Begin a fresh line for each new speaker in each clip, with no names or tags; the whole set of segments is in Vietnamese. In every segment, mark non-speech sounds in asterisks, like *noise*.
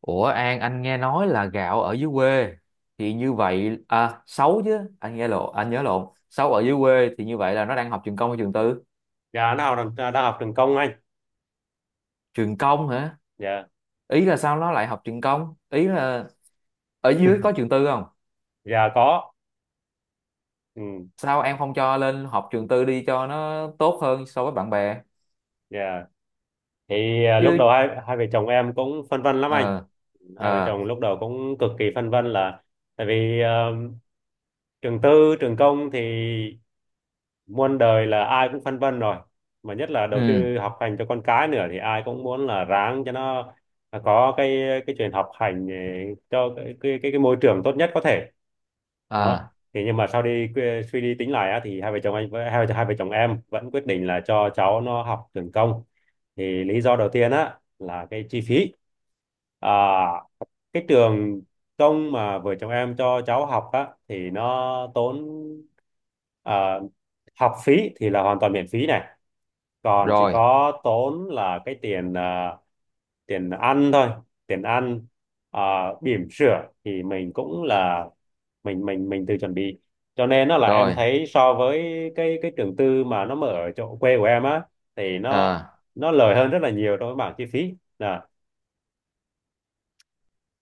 Ủa An, anh nghe nói là gạo ở dưới quê thì như vậy à? Xấu? Chứ anh nghe lộn, anh nhớ lộn. Xấu. Ở dưới quê thì như vậy là nó đang học trường công hay trường tư?
Dạ nó đang học trường công anh.
Trường công hả?
Dạ.
Ý là sao nó lại học trường công, ý là ở dưới có
*laughs*
trường tư không?
Dạ có. Ừ.
Sao em không cho lên học trường tư đi cho nó tốt hơn so với bạn bè?
Dạ thì lúc đầu
Chứ.
hai hai vợ chồng em cũng phân vân lắm anh.
Ờ.
Hai vợ
Ờ.
chồng lúc đầu cũng cực kỳ phân vân là, tại vì trường tư trường công thì muôn đời là ai cũng phân vân rồi, mà nhất là đầu
Ừ.
tư học hành cho con cái nữa thì ai cũng muốn là ráng cho nó có cái chuyện học hành, cho cái môi trường tốt nhất có thể đó.
Ờ.
Thì nhưng mà sau đi suy đi tính lại á, thì hai vợ chồng anh với hai vợ chồng em vẫn quyết định là cho cháu nó học trường công. Thì lý do đầu tiên á là cái chi phí. à, cái trường công mà vợ chồng em cho cháu học á thì nó tốn, à, học phí thì là hoàn toàn miễn phí này, còn chỉ
Rồi.
có tốn là cái tiền tiền ăn thôi. Tiền ăn, à, bỉm sữa thì mình cũng là mình tự chuẩn bị, cho nên nó là em
Rồi.
thấy so với cái trường tư mà nó mở ở chỗ quê của em á thì
Ờ.
nó lời hơn rất là nhiều trong cái bảng chi phí nè.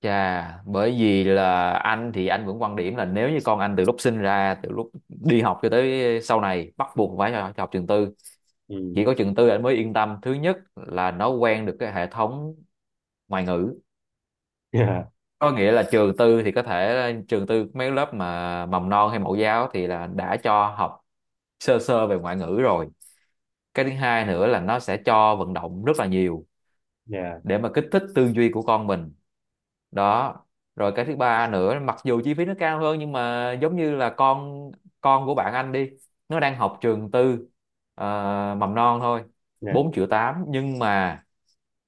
Chà, bởi vì là anh thì anh vẫn quan điểm là nếu như con anh từ lúc sinh ra, từ lúc đi học cho tới sau này bắt buộc phải cho học trường tư.
Ừ.
Chỉ có trường tư anh mới yên tâm. Thứ nhất là nó quen được cái hệ thống ngoại ngữ.
*laughs* Yeah.
Có nghĩa là trường tư thì có thể trường tư mấy lớp mà mầm non hay mẫu giáo thì là đã cho học sơ sơ về ngoại ngữ rồi. Cái thứ hai nữa là nó sẽ cho vận động rất là nhiều
Yeah,
để mà kích thích tư duy của con mình. Đó, rồi cái thứ ba nữa mặc dù chi phí nó cao hơn nhưng mà giống như là con của bạn anh đi, nó đang học trường tư, ờ, mầm non thôi,
yeah.
4 triệu tám, nhưng mà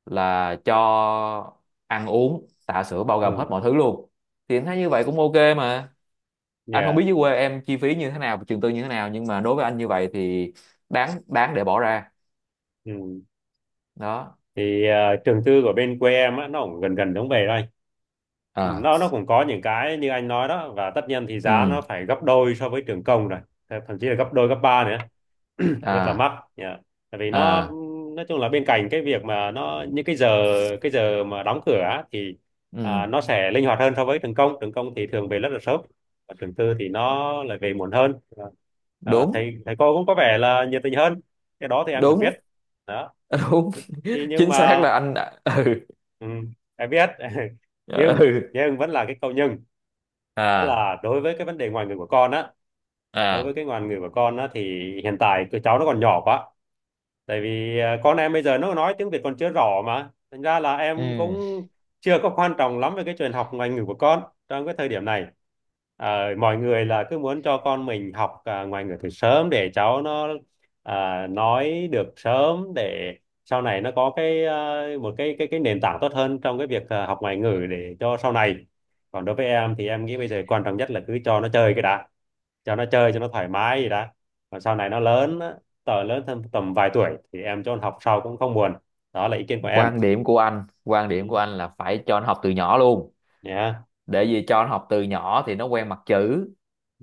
là cho ăn uống tã sữa bao
Ừ.
gồm hết mọi thứ luôn. Thì anh thấy như vậy cũng ok mà. Anh không
Yeah.
biết dưới quê em chi phí như thế nào, trường tư như thế nào, nhưng mà đối với anh như vậy thì đáng, đáng để bỏ ra.
Ừ
Đó.
thì trường tư của bên quê em á nó cũng gần gần giống về thôi. Ừ,
À.
nó cũng có những cái như anh nói đó, và tất nhiên thì giá
Ừ.
nó phải gấp đôi so với trường công rồi, thậm chí là gấp đôi gấp ba nữa, rất là
À.
mắc. Yeah. Tại vì nó
À.
nói chung là bên cạnh cái việc mà nó những cái giờ mà đóng cửa á, thì
Ừ.
nó sẽ linh hoạt hơn so với trường công. Trường công thì thường về rất là sớm, và trường tư thì nó lại về muộn hơn.
Đúng.
Thầy thầy cô cũng có vẻ là nhiệt tình hơn, cái đó thì em vẫn
Đúng.
biết đó.
Đúng.
Thì
*laughs*
nhưng
Chính xác
mà,
là *laughs* ừ.
ừ, em biết. *laughs* nhưng
Ừ.
nhưng vẫn là cái câu nhưng, tức
À.
là đối với cái vấn đề ngoại ngữ của con á, đối
À.
với cái ngoại ngữ của con á thì hiện tại tụi cháu nó còn nhỏ quá. Tại vì con em bây giờ nó nói tiếng Việt còn chưa rõ, mà thành ra là em
Ừ.
cũng chưa có quan trọng lắm về cái chuyện học ngoại ngữ của con trong cái thời điểm này. Mọi người là cứ muốn cho con mình học ngoại ngữ từ sớm để cháu nó nói được sớm để sau này nó có cái một cái nền tảng tốt hơn trong cái việc học ngoại ngữ để cho sau này. Còn đối với em thì em nghĩ bây giờ quan trọng nhất là cứ cho nó chơi cái đã, cho nó chơi cho nó thoải mái gì đã. Còn sau này nó lớn, lớn thêm tầm vài tuổi thì em cho con học sau cũng không buồn. Đó là ý kiến của em.
quan điểm của anh quan
Ừ.
điểm của anh là phải cho nó học từ nhỏ luôn.
Nhá.
Để vì cho nó học từ nhỏ thì nó quen mặt chữ.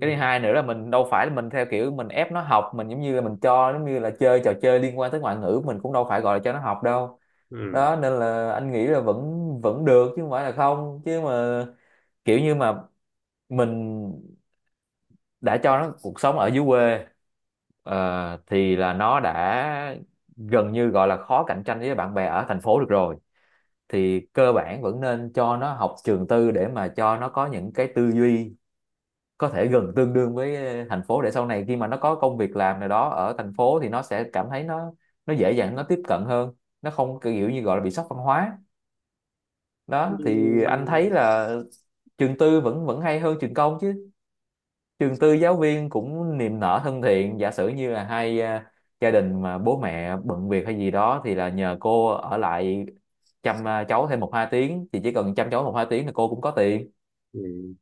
Cái thứ hai nữa là mình đâu phải là mình theo kiểu mình ép nó học, mình giống như là mình cho giống như là chơi trò chơi liên quan tới ngoại ngữ, mình cũng đâu phải gọi là cho nó học đâu.
Ừ.
Đó nên là anh nghĩ là vẫn vẫn được chứ không phải là không chứ mà kiểu như mà mình đã cho nó cuộc sống ở dưới quê, ờ, thì là nó đã gần như gọi là khó cạnh tranh với bạn bè ở thành phố được rồi. Thì cơ bản vẫn nên cho nó học trường tư để mà cho nó có những cái tư duy có thể gần tương đương với thành phố, để sau này khi mà nó có công việc làm nào đó ở thành phố thì nó sẽ cảm thấy nó dễ dàng nó tiếp cận hơn, nó không kiểu như gọi là bị sốc văn hóa.
Ừ.
Đó thì anh thấy là trường tư vẫn vẫn hay hơn trường công chứ. Trường tư giáo viên cũng niềm nở thân thiện, giả sử như là hai gia đình mà bố mẹ bận việc hay gì đó thì là nhờ cô ở lại chăm cháu thêm một hai tiếng, thì chỉ cần chăm cháu một hai tiếng là cô cũng có tiền.
Ừ.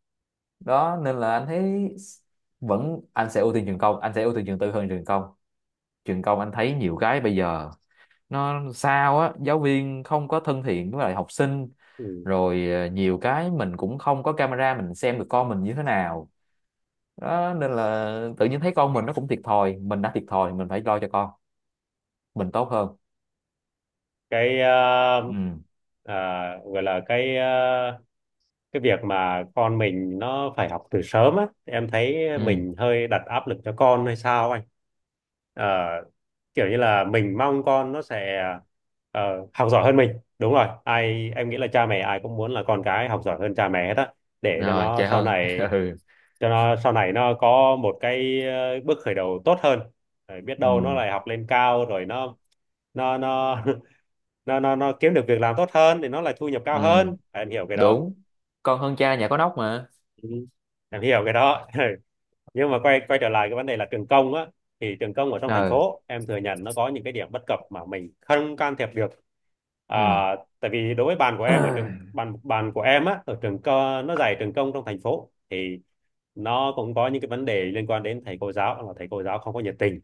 Đó nên là anh thấy vẫn, anh sẽ ưu tiên trường tư hơn trường công. Trường công anh thấy nhiều cái bây giờ nó sao á, giáo viên không có thân thiện với lại học sinh,
Ừ.
rồi nhiều cái mình cũng không có camera mình xem được con mình như thế nào. Đó nên là tự nhiên thấy con mình nó cũng thiệt thòi, mình đã thiệt thòi mình phải lo cho con mình tốt hơn.
Cái,
Ừ.
gọi là cái, cái việc mà con mình nó phải học từ sớm á, em thấy
Ừ.
mình hơi đặt áp lực cho con hay sao anh? Ờ, kiểu như là mình mong con nó sẽ, ờ, học giỏi hơn mình. Đúng rồi, ai em nghĩ là cha mẹ ai cũng muốn là con cái học giỏi hơn cha mẹ hết á, để cho
Rồi
nó
cha
sau
hơn.
này,
*laughs* Ừ.
cho nó sau này nó có một cái, bước khởi đầu tốt hơn. Rồi biết
Ừ.
đâu nó lại học lên cao rồi nó, nó nó *laughs* nó kiếm được việc làm tốt hơn thì nó lại thu nhập
Ừ.
cao hơn, em hiểu cái đó.
Đúng. Con hơn cha nhà có nóc mà.
Ừ, em hiểu cái đó. *laughs* Ừ. Nhưng mà quay quay trở lại cái vấn đề là trường công á, thì trường công ở trong thành
Ừ.
phố em thừa nhận nó có những cái điểm bất cập mà mình không can thiệp được. à,
Ừ.
tại vì đối với bàn của em ở trường,
*clears throat*
bàn bàn của em á ở trường co, nó dạy trường công trong thành phố, thì nó cũng có những cái vấn đề liên quan đến thầy cô giáo, là thầy cô giáo không có nhiệt tình,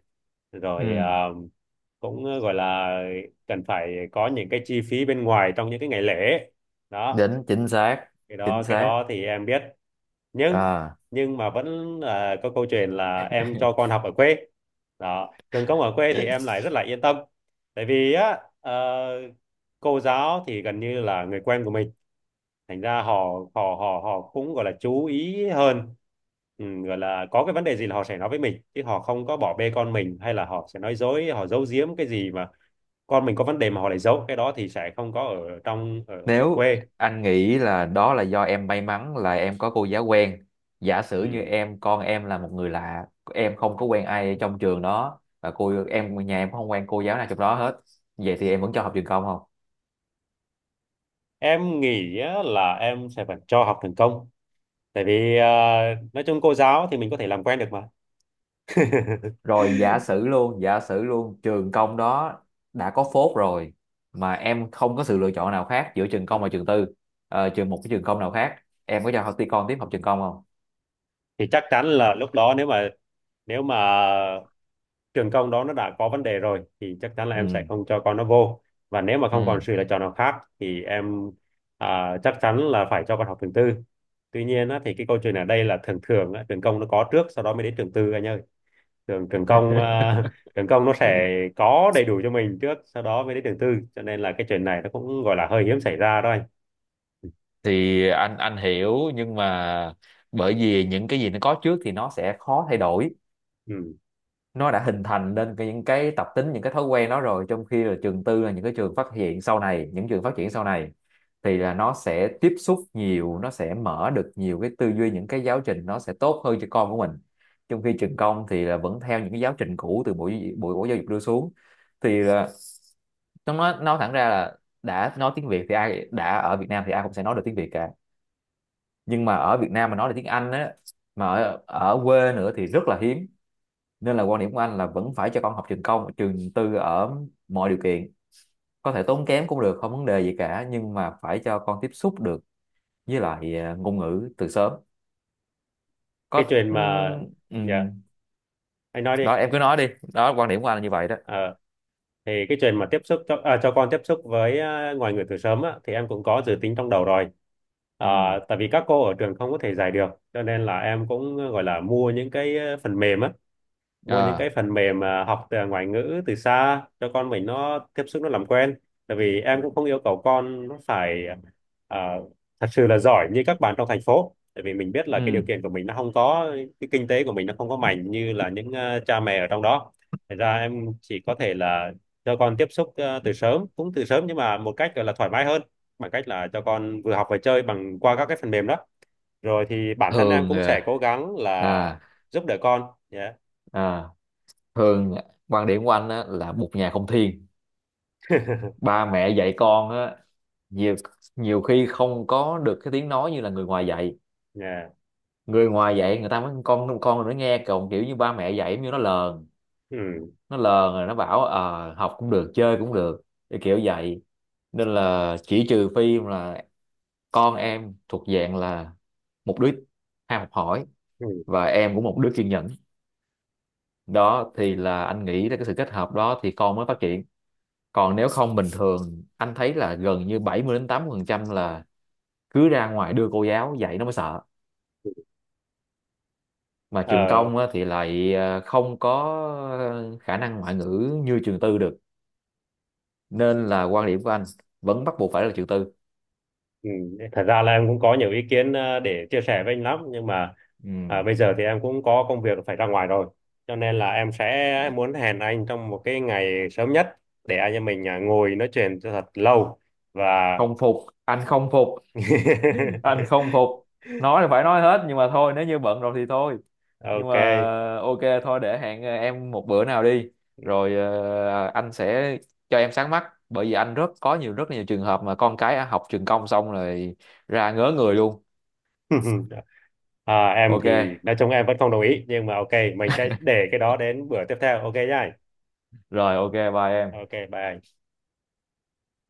rồi
Ừ.
cũng gọi là cần phải có những cái chi phí bên ngoài trong những cái ngày lễ đó.
Đỉnh, chính xác. Chính
Cái
xác.
đó thì em biết. nhưng
À.
nhưng mà vẫn là có câu chuyện là em cho con học ở quê đó. Trường công ở quê thì em lại rất là
*laughs*
yên tâm. Tại vì á, cô giáo thì gần như là người quen của mình, thành ra họ, họ cũng gọi là chú ý hơn. Ừ, gọi là có cái vấn đề gì là họ sẽ nói với mình, chứ họ không có bỏ bê con mình, hay là họ sẽ nói dối, họ giấu giếm cái gì mà con mình có vấn đề mà họ lại giấu, cái đó thì sẽ không có ở trong ở
Nếu
quê.
anh nghĩ là đó là do em may mắn là em có cô giáo quen, giả sử như
Ừ.
em con em là một người lạ, em không có quen ai trong trường đó và cô em nhà em không quen cô giáo nào trong đó hết. Vậy thì em vẫn cho học trường công không?
Em nghĩ á, là em sẽ phải cho học trường công. Tại vì nói chung cô giáo thì mình có thể làm quen được mà. *laughs*
Rồi giả sử luôn trường công đó đã có phốt rồi mà em không có sự lựa chọn nào khác giữa trường công và trường tư, trường một cái trường công nào khác, em có cho học con tiếp học trường công không?
Thì chắc chắn là lúc đó, nếu mà trường công đó nó đã có vấn đề rồi, thì chắc chắn là em sẽ
Ừ.
không cho con nó vô. Và nếu mà không
Ừ.
còn sự lựa chọn nào khác thì em, chắc chắn là phải cho con học trường tư. Tuy nhiên á, thì cái câu chuyện ở đây là thường thường á, trường công nó có trước, sau đó mới đến trường tư anh ơi. Trường Trường công,
*laughs*
*laughs* trường công nó sẽ có đầy đủ cho mình trước, sau đó mới đến trường tư, cho nên là cái chuyện này nó cũng gọi là hơi hiếm xảy ra đó anh.
Thì anh hiểu nhưng mà bởi vì những cái gì nó có trước thì nó sẽ khó thay đổi,
Ừ.
nó đã hình thành nên những cái tập tính những cái thói quen đó rồi, trong khi là trường tư là những cái trường phát hiện sau này, những trường phát triển sau này thì là nó sẽ tiếp xúc nhiều, nó sẽ mở được nhiều cái tư duy, những cái giáo trình nó sẽ tốt hơn cho con của mình. Trong khi trường công thì là vẫn theo những cái giáo trình cũ từ bộ bộ, bộ giáo dục đưa xuống, thì là nó nói thẳng ra là đã nói tiếng Việt thì ai đã ở Việt Nam thì ai cũng sẽ nói được tiếng Việt cả, nhưng mà ở Việt Nam mà nói là tiếng Anh á, mà ở quê nữa thì rất là hiếm. Nên là quan điểm của anh là vẫn phải cho con học trường công trường tư ở mọi điều kiện, có thể tốn kém cũng được không vấn đề gì cả, nhưng mà phải cho con tiếp xúc được với lại ngôn ngữ từ sớm.
Cái
Có
chuyện mà, dạ,
ừm.
anh nói đi.
Đó em cứ nói đi. Đó quan điểm của anh là như vậy đó.
Ờ, thì cái chuyện mà tiếp xúc cho, cho con tiếp xúc với, ngoại ngữ từ sớm á, thì em cũng có dự tính trong đầu rồi. à,
Ừm,
tại vì các cô ở trường không có thể dạy được, cho nên là em cũng gọi là mua những cái, phần mềm á, mua những cái
à,
phần mềm mà học từ ngoại ngữ từ xa cho con mình nó tiếp xúc nó làm quen. Tại vì em cũng không yêu cầu con nó phải, à, thật sự là giỏi như các bạn trong thành phố, tại vì mình biết là cái điều
ừm.
kiện của mình nó không có, cái kinh tế của mình nó không có mạnh như là những, cha mẹ ở trong đó. Thật ra em chỉ có thể là cho con tiếp xúc, từ sớm, cũng từ sớm nhưng mà một cách gọi là thoải mái hơn, bằng cách là cho con vừa học vừa chơi bằng qua các cái phần mềm đó. Rồi thì bản thân em
Thường
cũng sẽ
à,
cố gắng là
à,
giúp đỡ con. Yeah.
à, thường quan điểm của anh á, là một nhà không thiên
*laughs*
ba mẹ dạy con á, nhiều, nhiều khi không có được cái tiếng nói như là người ngoài dạy.
Yeah.
Người ngoài dạy người ta mới con nó nghe còn kiểu như ba mẹ dạy giống như nó lờn,
Ừ.
nó lờn rồi nó bảo học cũng được chơi cũng được, cái kiểu vậy. Nên là chỉ trừ phi là con em thuộc dạng là một đứa ham học hỏi
Ừ.
và em cũng một đứa kiên nhẫn, đó thì là anh nghĩ là cái sự kết hợp đó thì con mới phát triển. Còn nếu không bình thường anh thấy là gần như 70 đến 80 phần trăm là cứ ra ngoài đưa cô giáo dạy nó mới sợ.
Ừ.
Mà trường
Ờ.
công á, thì lại không có khả năng ngoại ngữ như trường tư được. Nên là quan điểm của anh vẫn bắt buộc phải là trường tư.
Ừ. Thật ra là em cũng có nhiều ý kiến, để chia sẻ với anh lắm, nhưng mà,
Ừ.
bây giờ thì em cũng có công việc phải ra ngoài rồi, cho nên là em sẽ muốn hẹn anh trong một cái ngày sớm nhất, để anh em mình, ngồi nói chuyện cho thật lâu, và
Không phục, anh không phục, anh không
*laughs*
phục. Nói là phải nói hết nhưng mà thôi nếu như bận rồi thì thôi. Nhưng
ok.
mà ok thôi để hẹn em một bữa nào đi, rồi anh sẽ cho em sáng mắt, bởi vì anh rất nhiều trường hợp mà con cái học trường công xong rồi ra ngớ người luôn.
*laughs* À, em
Ok.
thì nói chung em vẫn không đồng ý, nhưng mà ok, mình sẽ để cái đó đến bữa tiếp theo, ok nhá anh?
Rồi ok bye em.
Ok bye anh.